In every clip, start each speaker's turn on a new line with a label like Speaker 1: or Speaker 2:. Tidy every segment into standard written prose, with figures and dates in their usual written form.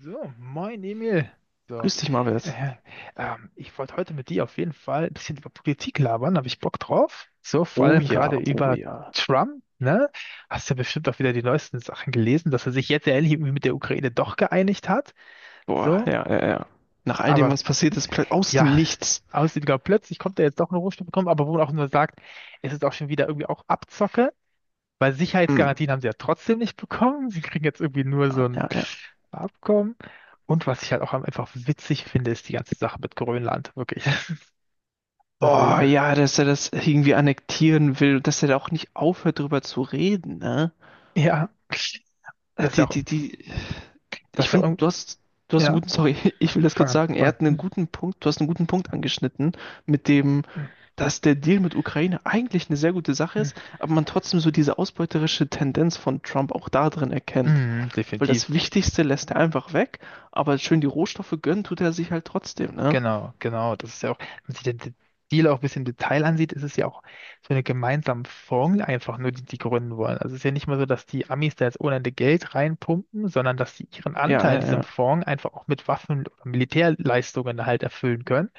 Speaker 1: So, moin Emil. So,
Speaker 2: Grüß dich, Marvels.
Speaker 1: äh, ich wollte heute mit dir auf jeden Fall ein bisschen über Politik labern, habe ich Bock drauf. So, vor
Speaker 2: Oh
Speaker 1: allem
Speaker 2: ja,
Speaker 1: gerade
Speaker 2: oh
Speaker 1: über
Speaker 2: ja.
Speaker 1: Trump, ne? Hast ja bestimmt auch wieder die neuesten Sachen gelesen, dass er sich jetzt endlich irgendwie mit der Ukraine doch geeinigt hat.
Speaker 2: Boah,
Speaker 1: So,
Speaker 2: ja, ja, ja. Nach all dem,
Speaker 1: aber
Speaker 2: was passiert ist, plötzlich aus dem
Speaker 1: ja,
Speaker 2: Nichts.
Speaker 1: aussieht gar plötzlich kommt er jetzt doch eine Rohstoffe bekommen, aber wo man auch nur sagt, es ist auch schon wieder irgendwie auch Abzocke, weil
Speaker 2: Hm.
Speaker 1: Sicherheitsgarantien haben sie ja trotzdem nicht bekommen. Sie kriegen jetzt irgendwie nur
Speaker 2: Ja,
Speaker 1: so ein
Speaker 2: ja, ja.
Speaker 1: Abkommen. Und was ich halt auch einfach witzig finde, ist die ganze Sache mit Grönland. Wirklich. Das
Speaker 2: Oh
Speaker 1: ist,
Speaker 2: ja, dass er das irgendwie annektieren will, dass er da auch nicht aufhört, drüber zu reden, ne?
Speaker 1: ja, das ist ja
Speaker 2: Die,
Speaker 1: auch,
Speaker 2: die, die.
Speaker 1: das
Speaker 2: Ich
Speaker 1: ist ja,
Speaker 2: finde, du hast einen
Speaker 1: ja,
Speaker 2: guten, sorry, ich will das
Speaker 1: fang
Speaker 2: kurz
Speaker 1: an,
Speaker 2: sagen, er
Speaker 1: fang
Speaker 2: hat einen guten Punkt, du hast einen guten Punkt angeschnitten, mit dem, dass der Deal mit Ukraine eigentlich eine sehr gute Sache
Speaker 1: an.
Speaker 2: ist, aber man trotzdem so diese ausbeuterische Tendenz von Trump auch da drin erkennt.
Speaker 1: Mhm,
Speaker 2: Weil
Speaker 1: definitiv.
Speaker 2: das Wichtigste lässt er einfach weg, aber schön die Rohstoffe gönnen tut er sich halt trotzdem, ne?
Speaker 1: Genau, genau. Das ist ja auch, wenn man sich den Deal auch ein bisschen im Detail ansieht, ist es ja auch so eine gemeinsame Fonds einfach nur, die die gründen wollen. Also es ist ja nicht mal so, dass die Amis da jetzt ohne Ende Geld reinpumpen, sondern dass sie ihren
Speaker 2: Ja,
Speaker 1: Anteil in
Speaker 2: ja,
Speaker 1: diesem
Speaker 2: ja.
Speaker 1: Fonds einfach auch mit Waffen oder Militärleistungen halt erfüllen können.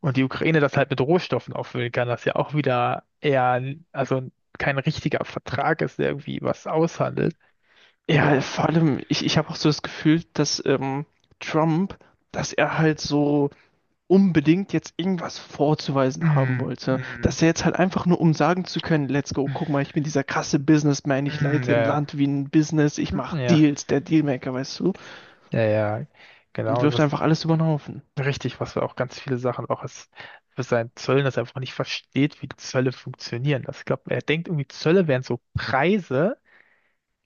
Speaker 1: Und die Ukraine das halt mit Rohstoffen auffüllen kann, das ja auch wieder eher, also kein richtiger Vertrag ist, der irgendwie was aushandelt.
Speaker 2: Ja,
Speaker 1: So.
Speaker 2: vor allem, ich habe auch so das Gefühl, dass Trump, dass er halt so unbedingt jetzt irgendwas vorzuweisen haben
Speaker 1: Mm,
Speaker 2: wollte.
Speaker 1: mm,
Speaker 2: Dass er jetzt halt einfach nur, um sagen zu können, let's go, guck mal, ich bin dieser krasse Businessman, ich
Speaker 1: mm,
Speaker 2: leite ein
Speaker 1: ja,
Speaker 2: Land wie ein Business, ich
Speaker 1: ja,
Speaker 2: mache
Speaker 1: ja,
Speaker 2: Deals, der Dealmaker, weißt du?
Speaker 1: ja, ja,
Speaker 2: Und
Speaker 1: genau.
Speaker 2: wirft
Speaker 1: Was,
Speaker 2: einfach alles über den Haufen.
Speaker 1: richtig, was wir auch ganz viele Sachen auch als für seinen Zöllen, dass er einfach nicht versteht, wie Zölle funktionieren. Das, ich glaube, er denkt irgendwie, Zölle wären so Preise,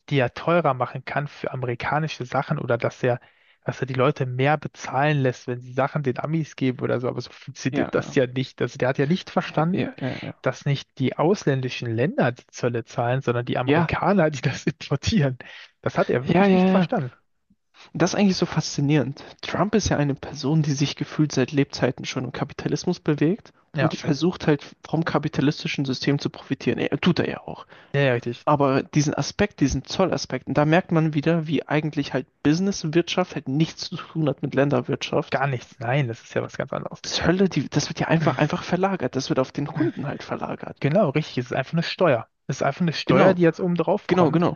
Speaker 1: die er teurer machen kann für amerikanische Sachen oder dass er die Leute mehr bezahlen lässt, wenn sie Sachen den Amis geben oder so. Aber so funktioniert
Speaker 2: Ja,
Speaker 1: das ja nicht. Also der hat ja nicht
Speaker 2: ja,
Speaker 1: verstanden,
Speaker 2: ja, ja, ja.
Speaker 1: dass nicht die ausländischen Länder die Zölle zahlen, sondern die
Speaker 2: Ja,
Speaker 1: Amerikaner, die das importieren. Das hat er
Speaker 2: ja,
Speaker 1: wirklich
Speaker 2: ja,
Speaker 1: nicht
Speaker 2: ja.
Speaker 1: verstanden.
Speaker 2: Das ist eigentlich so faszinierend. Trump ist ja eine Person, die sich gefühlt seit Lebzeiten schon im Kapitalismus bewegt und
Speaker 1: Ja,
Speaker 2: versucht halt vom kapitalistischen System zu profitieren. Er, tut er ja auch.
Speaker 1: ja, ja, richtig.
Speaker 2: Aber diesen Aspekt, diesen Zollaspekt, und da merkt man wieder, wie eigentlich halt Businesswirtschaft halt nichts zu tun hat mit Länderwirtschaft.
Speaker 1: Gar nichts. Nein, das ist ja was ganz anderes.
Speaker 2: Zölle, die, das wird ja einfach, einfach verlagert. Das wird auf den Kunden halt verlagert.
Speaker 1: Genau, richtig. Es ist einfach eine Steuer. Es ist einfach eine Steuer,
Speaker 2: Genau,
Speaker 1: die jetzt oben drauf
Speaker 2: genau,
Speaker 1: kommt,
Speaker 2: genau.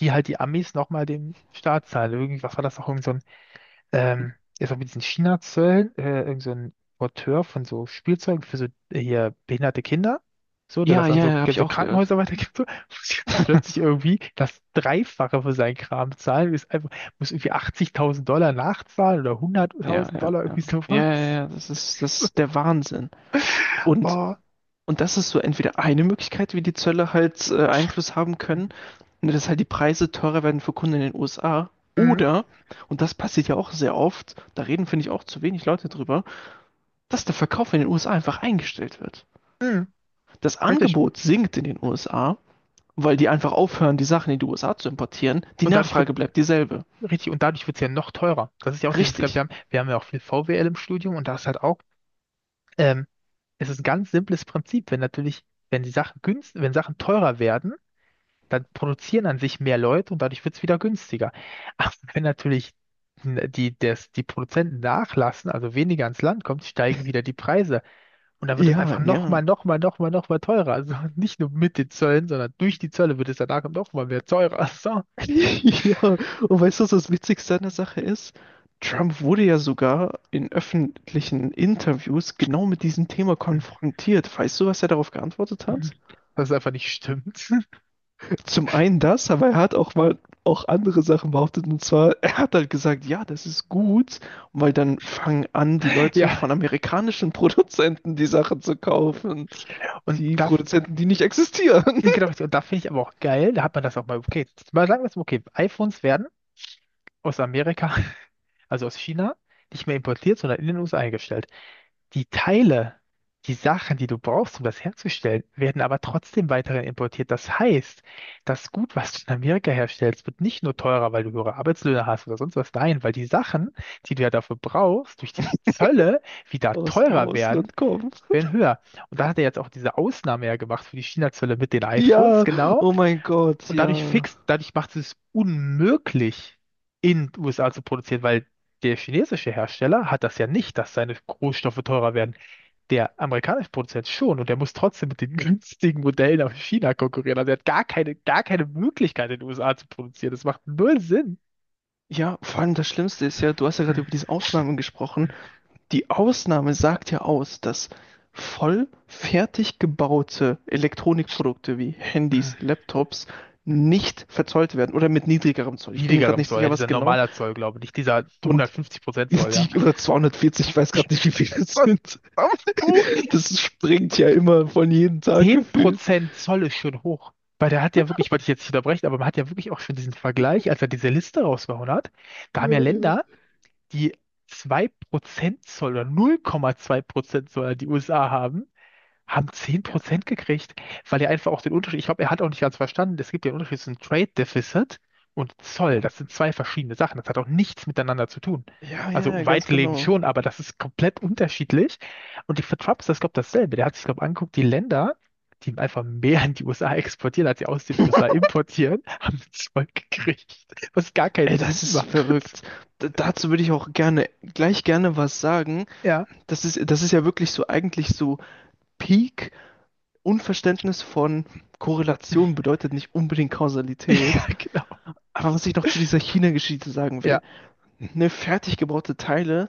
Speaker 1: die halt die Amis nochmal dem Staat zahlen. Irgendwie, was war das noch? Irgend so ein ähm, das war mit diesen China-Zöllen, irgend so ein Porteur von so Spielzeugen für so hier behinderte Kinder, so, der
Speaker 2: Ja,
Speaker 1: das an
Speaker 2: ja,
Speaker 1: so,
Speaker 2: ja, habe ich
Speaker 1: so
Speaker 2: auch gehört.
Speaker 1: Krankenhäuser weitergibt, so, muss jetzt plötzlich irgendwie das Dreifache für seinen Kram zahlen, ist einfach, muss irgendwie 80.000 Dollar nachzahlen oder
Speaker 2: Ja,
Speaker 1: 100.000
Speaker 2: ja,
Speaker 1: Dollar,
Speaker 2: ja.
Speaker 1: irgendwie sowas.
Speaker 2: Ja, ja, ja, das ist der Wahnsinn. Und
Speaker 1: Oh,
Speaker 2: Das ist so entweder eine Möglichkeit, wie die Zölle halt Einfluss haben können, ne, dass halt die Preise teurer werden für Kunden in den USA.
Speaker 1: mhm.
Speaker 2: Oder, und das passiert ja auch sehr oft, da reden, finde ich, auch zu wenig Leute drüber, dass der Verkauf in den USA einfach eingestellt wird.
Speaker 1: Mhm.
Speaker 2: Das
Speaker 1: Richtig.
Speaker 2: Angebot sinkt in den USA, weil die einfach aufhören, die Sachen in die USA zu importieren. Die
Speaker 1: Und dadurch wird,
Speaker 2: Nachfrage bleibt dieselbe.
Speaker 1: richtig, und dadurch wird es ja noch teurer. Das ist ja auch dieses, wir
Speaker 2: Richtig.
Speaker 1: haben, wir haben ja auch viel VWL im Studium und da ist halt auch. ähm, Es ist ein ganz simples Prinzip. Wenn natürlich, wenn die Sachen günst, Wenn Sachen teurer werden, dann produzieren an sich mehr Leute und dadurch wird es wieder günstiger. Aber wenn natürlich die Produzenten nachlassen, also weniger ans Land kommt, steigen wieder die Preise. Und dann wird es
Speaker 2: Ja,
Speaker 1: einfach nochmal,
Speaker 2: ja.
Speaker 1: nochmal, nochmal, nochmal teurer. Also nicht nur mit den Zöllen, sondern durch die Zölle wird es danach nochmal mehr teurer. So.
Speaker 2: Ja, und weißt du, was das Witzigste an der Sache ist? Trump wurde ja sogar in öffentlichen Interviews genau mit diesem Thema konfrontiert. Weißt du, was er darauf geantwortet hat?
Speaker 1: Das ist einfach nicht stimmt.
Speaker 2: Zum einen das, aber er hat auch mal auch andere Sachen behauptet. Und zwar, er hat halt gesagt, ja, das ist gut, weil dann fangen an, die Leute
Speaker 1: Ja,
Speaker 2: von amerikanischen Produzenten die Sachen zu kaufen.
Speaker 1: und
Speaker 2: Die
Speaker 1: da,
Speaker 2: Produzenten, die nicht existieren,
Speaker 1: genau, richtig. Und da finde ich aber auch geil, da hat man das auch mal, okay, mal sagen wir es mal, okay, iPhones werden aus Amerika, also aus China, nicht mehr importiert, sondern in den USA eingestellt. Die Teile, die Sachen, die du brauchst, um das herzustellen, werden aber trotzdem weiterhin importiert. Das heißt, das Gut, was du in Amerika herstellst, wird nicht nur teurer, weil du höhere Arbeitslöhne hast oder sonst was. Nein, weil die Sachen, die du ja dafür brauchst, durch die Zölle wieder
Speaker 2: aus dem
Speaker 1: teurer werden,
Speaker 2: Ausland kommen.
Speaker 1: werden höher. Und da hat er jetzt auch diese Ausnahme ja gemacht für die China-Zölle mit den iPhones,
Speaker 2: Ja,
Speaker 1: genau.
Speaker 2: oh mein Gott,
Speaker 1: Und
Speaker 2: ja.
Speaker 1: dadurch macht es unmöglich, in den USA zu produzieren, weil der chinesische Hersteller hat das ja nicht, dass seine Rohstoffe teurer werden. Der amerikanische Produzent schon und der muss trotzdem mit den günstigen Modellen aus China konkurrieren. Also er hat gar keine Möglichkeit, in den USA zu produzieren. Das macht null Sinn.
Speaker 2: Ja, vor allem das Schlimmste ist ja, du hast ja gerade über diese Ausnahmen gesprochen. Die Ausnahme sagt ja aus, dass voll fertig gebaute Elektronikprodukte wie Handys, Laptops nicht verzollt werden oder mit niedrigerem Zoll. Ich bin mir gerade
Speaker 1: Niedrigerem
Speaker 2: nicht
Speaker 1: Zoll, ja,
Speaker 2: sicher, was
Speaker 1: dieser
Speaker 2: genau.
Speaker 1: normaler Zoll, glaube ich, nicht dieser
Speaker 2: Und
Speaker 1: 150% Zoll, ja.
Speaker 2: die oder 240, ich weiß gerade nicht, wie viele es
Speaker 1: Was?
Speaker 2: sind.
Speaker 1: Auf hoch?
Speaker 2: Das springt ja immer von jedem Tag
Speaker 1: Zehn
Speaker 2: gefühlt.
Speaker 1: Prozent Zoll ist schon hoch. Weil der hat ja wirklich, wollte ich jetzt nicht unterbrechen, aber man hat ja wirklich auch schon diesen Vergleich, als er diese Liste rausgehauen hat. Da haben ja
Speaker 2: Ja, ja.
Speaker 1: Länder, die 2% Zoll oder 0,2% Zoll an die USA haben, haben zehn
Speaker 2: Ja, ja,
Speaker 1: Prozent gekriegt, weil er einfach auch den Unterschied, ich glaube, er hat auch nicht ganz verstanden, es gibt ja einen Unterschied zwischen Trade Deficit und Zoll.
Speaker 2: ja.
Speaker 1: Das sind zwei verschiedene Sachen. Das hat auch nichts miteinander zu tun.
Speaker 2: Ja, ja, ja,
Speaker 1: Also
Speaker 2: ganz
Speaker 1: weitläufig
Speaker 2: genau.
Speaker 1: schon, aber das ist komplett unterschiedlich. Und die für Trump ist das, glaube ich, dasselbe. Der hat sich, glaube ich, angeguckt, die Länder, die einfach mehr in die USA exportieren, als sie aus den USA importieren, haben einen Zoll gekriegt, was gar keinen
Speaker 2: Ey,
Speaker 1: Sinn
Speaker 2: das ist
Speaker 1: macht.
Speaker 2: verrückt. D dazu würde ich auch gerne, gleich gerne was sagen.
Speaker 1: Ja,
Speaker 2: Das ist ja wirklich so eigentlich so Peak Unverständnis von Korrelation bedeutet nicht unbedingt
Speaker 1: ja,
Speaker 2: Kausalität.
Speaker 1: genau.
Speaker 2: Aber was ich noch zu dieser China-Geschichte sagen will.
Speaker 1: Ja.
Speaker 2: Ne, fertig gebaute Teile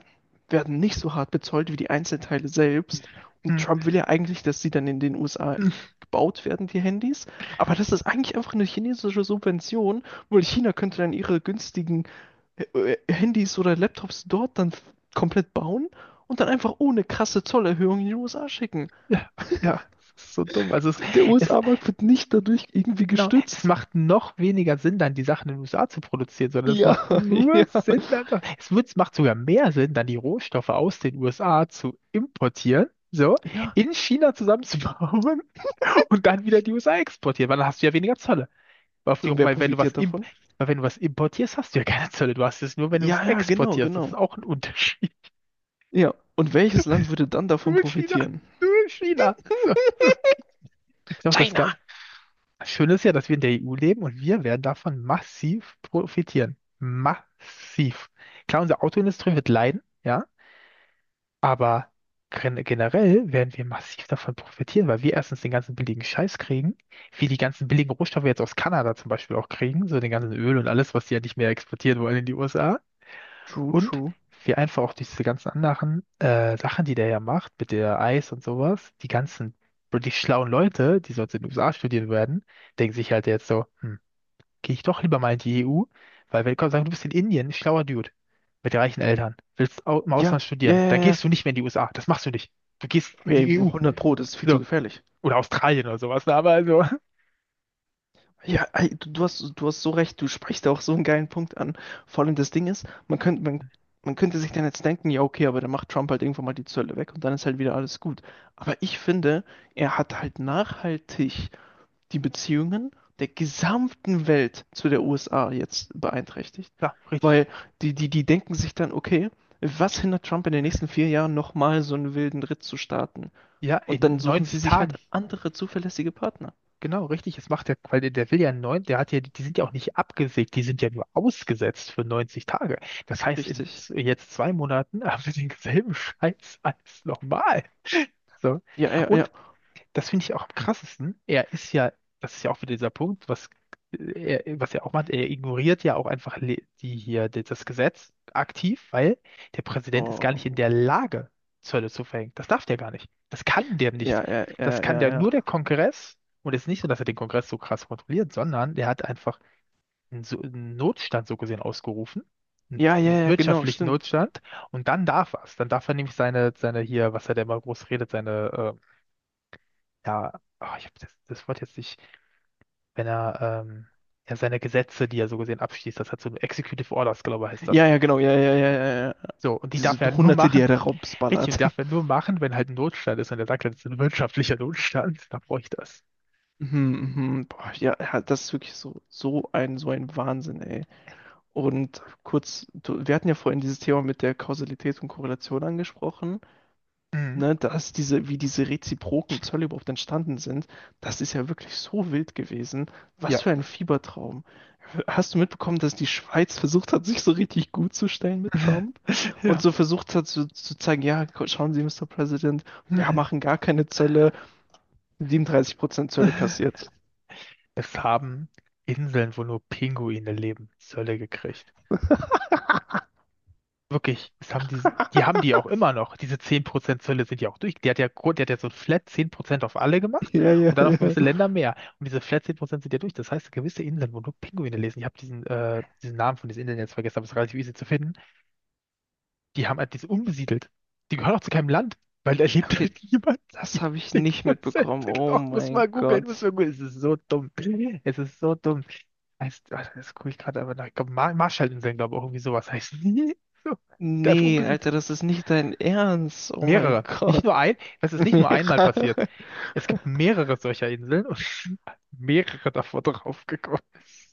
Speaker 2: werden nicht so hart bezollt wie die Einzelteile selbst. Und
Speaker 1: Hm.
Speaker 2: Trump will ja eigentlich, dass sie dann in den USA gebaut werden, die Handys. Aber das ist eigentlich einfach eine chinesische Subvention, weil China könnte dann ihre günstigen äh, Handys oder Laptops dort dann komplett bauen und dann einfach ohne krasse Zollerhöhung in die USA schicken.
Speaker 1: Ja, ja, das ist so dumm. Also es,
Speaker 2: Der
Speaker 1: es
Speaker 2: USA-Markt wird nicht dadurch irgendwie
Speaker 1: Genau, es
Speaker 2: gestützt.
Speaker 1: macht noch weniger Sinn, dann die Sachen in den USA zu produzieren, sondern es macht
Speaker 2: Ja,
Speaker 1: nur
Speaker 2: ja.
Speaker 1: Sinn, dann, so, es macht sogar mehr Sinn, dann die Rohstoffe aus den USA zu importieren, so,
Speaker 2: Ja.
Speaker 1: in China zusammenzubauen und dann wieder in die USA exportieren, weil dann hast du ja weniger Zölle. Weil, auf
Speaker 2: So,
Speaker 1: die,
Speaker 2: und wer
Speaker 1: weil wenn du was
Speaker 2: profitiert
Speaker 1: imp,
Speaker 2: davon?
Speaker 1: Weil wenn du was importierst, hast du ja keine Zölle. Du hast es nur, wenn du es
Speaker 2: Ja, ja, genau,
Speaker 1: exportierst. Das ist
Speaker 2: genau.
Speaker 1: auch ein Unterschied.
Speaker 2: Ja, und welches Land würde dann davon
Speaker 1: Nur China,
Speaker 2: profitieren?
Speaker 1: nur China. So, so. Das ist auch das.
Speaker 2: China!
Speaker 1: Schön ist ja, dass wir in der EU leben und wir werden davon massiv profitieren. Massiv. Klar, unsere Autoindustrie wird leiden, ja, aber generell werden wir massiv davon profitieren, weil wir erstens den ganzen billigen Scheiß kriegen, wir die ganzen billigen Rohstoffe jetzt aus Kanada zum Beispiel auch kriegen, so den ganzen Öl und alles, was die ja nicht mehr exportieren wollen in die USA.
Speaker 2: True,
Speaker 1: Und
Speaker 2: true.
Speaker 1: wir einfach auch diese ganzen anderen Sachen, die der ja macht, mit der Eis und sowas, die ganzen, die schlauen Leute, die sonst in den USA studieren werden, denken sich halt jetzt so, hm, gehe ich doch lieber mal in die EU, weil wenn Gott sagen du bist in Indien, ein schlauer Dude mit reichen Eltern, willst au im
Speaker 2: Ja,
Speaker 1: Ausland
Speaker 2: ja,
Speaker 1: studieren,
Speaker 2: ja,
Speaker 1: da
Speaker 2: ja.
Speaker 1: gehst du nicht mehr in die USA, das machst du nicht. Du gehst in
Speaker 2: Okay,
Speaker 1: die EU,
Speaker 2: 100 Pro, das ist viel zu
Speaker 1: so,
Speaker 2: gefährlich.
Speaker 1: oder Australien oder sowas, ne? Aber also,
Speaker 2: Ja, ey, du, du hast so recht, du sprichst auch so einen geilen Punkt an. Vor allem das Ding ist, man könnte sich dann jetzt denken, ja, okay, aber dann macht Trump halt irgendwann mal die Zölle weg und dann ist halt wieder alles gut. Aber ich finde, er hat halt nachhaltig die Beziehungen der gesamten Welt zu der USA jetzt beeinträchtigt.
Speaker 1: ja, richtig.
Speaker 2: Weil die denken sich dann, okay, was hindert Trump in den nächsten 4 Jahren nochmal so einen wilden Ritt zu starten?
Speaker 1: Ja,
Speaker 2: Und dann
Speaker 1: in
Speaker 2: suchen sie
Speaker 1: 90
Speaker 2: sich halt
Speaker 1: Tagen,
Speaker 2: andere zuverlässige Partner.
Speaker 1: genau, richtig, es macht ja, weil der will ja neun, der hat ja, die sind ja auch nicht abgesägt, die sind ja nur ausgesetzt für 90 Tage. Das heißt, in
Speaker 2: Richtig.
Speaker 1: jetzt 2 Monaten haben wir denselben Scheiß als nochmal. So.
Speaker 2: Ja, ja, ja.
Speaker 1: Und das finde ich auch am krassesten. Er ist ja, das ist ja auch wieder dieser Punkt, was er auch macht, er ignoriert ja auch einfach das Gesetz aktiv, weil der Präsident ist gar nicht in
Speaker 2: Oh.
Speaker 1: der Lage, Zölle zu verhängen. Das darf der gar nicht. Das kann der nicht.
Speaker 2: Ja, ja,
Speaker 1: Das
Speaker 2: ja,
Speaker 1: kann
Speaker 2: ja,
Speaker 1: der
Speaker 2: ja.
Speaker 1: nur der Kongress. Und es ist nicht so, dass er den Kongress so krass kontrolliert, sondern der hat einfach so einen Notstand so gesehen ausgerufen, einen
Speaker 2: Ja, ja, ja, genau,
Speaker 1: wirtschaftlichen
Speaker 2: stimmt.
Speaker 1: Notstand. Und dann darf er es. Dann darf er nämlich seine hier, was er da immer groß redet, seine ja, oh, ich habe das Wort jetzt nicht, wenn er, ähm, ja, seine Gesetze, die er so gesehen abschließt, das hat so Executive Orders, glaube ich, heißt
Speaker 2: Ja,
Speaker 1: das.
Speaker 2: ja, genau, ja, ja, ja, ja.
Speaker 1: So, und die
Speaker 2: Diese
Speaker 1: darf er halt nur
Speaker 2: Hunderte, die
Speaker 1: machen,
Speaker 2: er da
Speaker 1: richtig,
Speaker 2: raubsballert.
Speaker 1: und darf er nur machen, wenn halt ein Notstand ist und er sagt, das ist ein wirtschaftlicher Notstand, dann brauche ich das.
Speaker 2: Mhm, mhm. Boah, ja, ja, das ist wirklich so, so ein Wahnsinn, ey. Und kurz, wir hatten ja vorhin dieses Thema mit der Kausalität und Korrelation angesprochen,
Speaker 1: Mhm.
Speaker 2: ne, dass diese, wie diese reziproken Zölle überhaupt entstanden sind, das ist ja wirklich so wild gewesen.
Speaker 1: Ja.
Speaker 2: Was für ein Fiebertraum. Hast du mitbekommen, dass die Schweiz versucht hat, sich so richtig gut zu stellen mit Trump und
Speaker 1: Ja.
Speaker 2: so versucht hat zu zeigen, ja, schauen Sie, Mister President, wir machen gar keine Zölle, 37% Zölle kassiert.
Speaker 1: Es haben Inseln, wo nur Pinguine leben, Zölle gekriegt. Wirklich, es haben diese, die haben die auch immer noch. Diese 10% Zölle sind ja auch durch. Die hat ja so ein Flat 10% auf alle gemacht
Speaker 2: Ja, ja,
Speaker 1: und dann auf
Speaker 2: ja.
Speaker 1: gewisse Länder mehr. Und diese Flat 10% sind ja durch. Das heißt, gewisse Inseln, wo nur Pinguine lesen, ich habe diesen Namen von diesen Inseln jetzt vergessen, aber es ist relativ easy zu finden, die haben halt diese unbesiedelt. Die gehören auch zu keinem Land, weil da lebt
Speaker 2: Okay,
Speaker 1: halt niemand. Die
Speaker 2: das
Speaker 1: haben
Speaker 2: habe ich nicht
Speaker 1: 10%.
Speaker 2: mitbekommen. Oh
Speaker 1: Ach, muss
Speaker 2: mein
Speaker 1: mal googeln,
Speaker 2: Gott.
Speaker 1: muss mal googeln. Es ist so dumm. Es ist so dumm. Heißt, ah, das gucke ich gerade aber nach. Ich glaube, Marshallinseln, glaube ich, auch irgendwie sowas heißt, die. So, einfach
Speaker 2: Nee,
Speaker 1: unbesiedelt.
Speaker 2: Alter, das ist nicht dein Ernst. Oh mein
Speaker 1: Mehrere. Nicht
Speaker 2: Gott.
Speaker 1: nur ein, das ist nicht nur einmal
Speaker 2: Mira.
Speaker 1: passiert. Es gibt mehrere solcher Inseln und mehrere davon draufgekommen.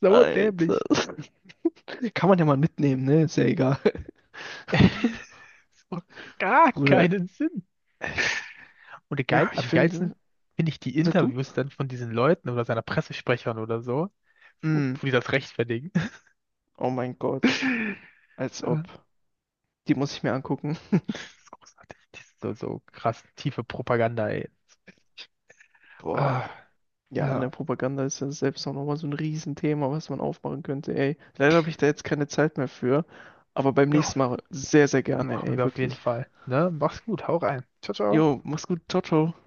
Speaker 1: So
Speaker 2: Alter.
Speaker 1: dämlich.
Speaker 2: Kann man ja mal mitnehmen, ne? Ist ja egal.
Speaker 1: Das macht gar
Speaker 2: Bruder.
Speaker 1: keinen Sinn. Und geil,
Speaker 2: Ja,
Speaker 1: am
Speaker 2: ich finde.
Speaker 1: geilsten finde ich die
Speaker 2: Sag du?
Speaker 1: Interviews dann von diesen Leuten oder seiner Pressesprechern oder so, wo
Speaker 2: Mm.
Speaker 1: wo die das rechtfertigen.
Speaker 2: Oh mein Gott. Als
Speaker 1: Das
Speaker 2: ob. Die muss ich mir angucken.
Speaker 1: ist großartig. Das ist so, so krass tiefe Propaganda, ey.
Speaker 2: Boah.
Speaker 1: Ah,
Speaker 2: Ja, an der
Speaker 1: ja,
Speaker 2: Propaganda ist ja selbst auch nochmal so ein Riesenthema, was man aufmachen könnte, ey. Leider habe ich da jetzt keine Zeit mehr für. Aber beim
Speaker 1: ja,
Speaker 2: nächsten Mal sehr, sehr gerne,
Speaker 1: machen
Speaker 2: ey,
Speaker 1: wir auf jeden
Speaker 2: wirklich.
Speaker 1: Fall. Ne? Mach's gut, hau rein. Ciao, ciao.
Speaker 2: Jo, mach's gut. Ciao, ciao.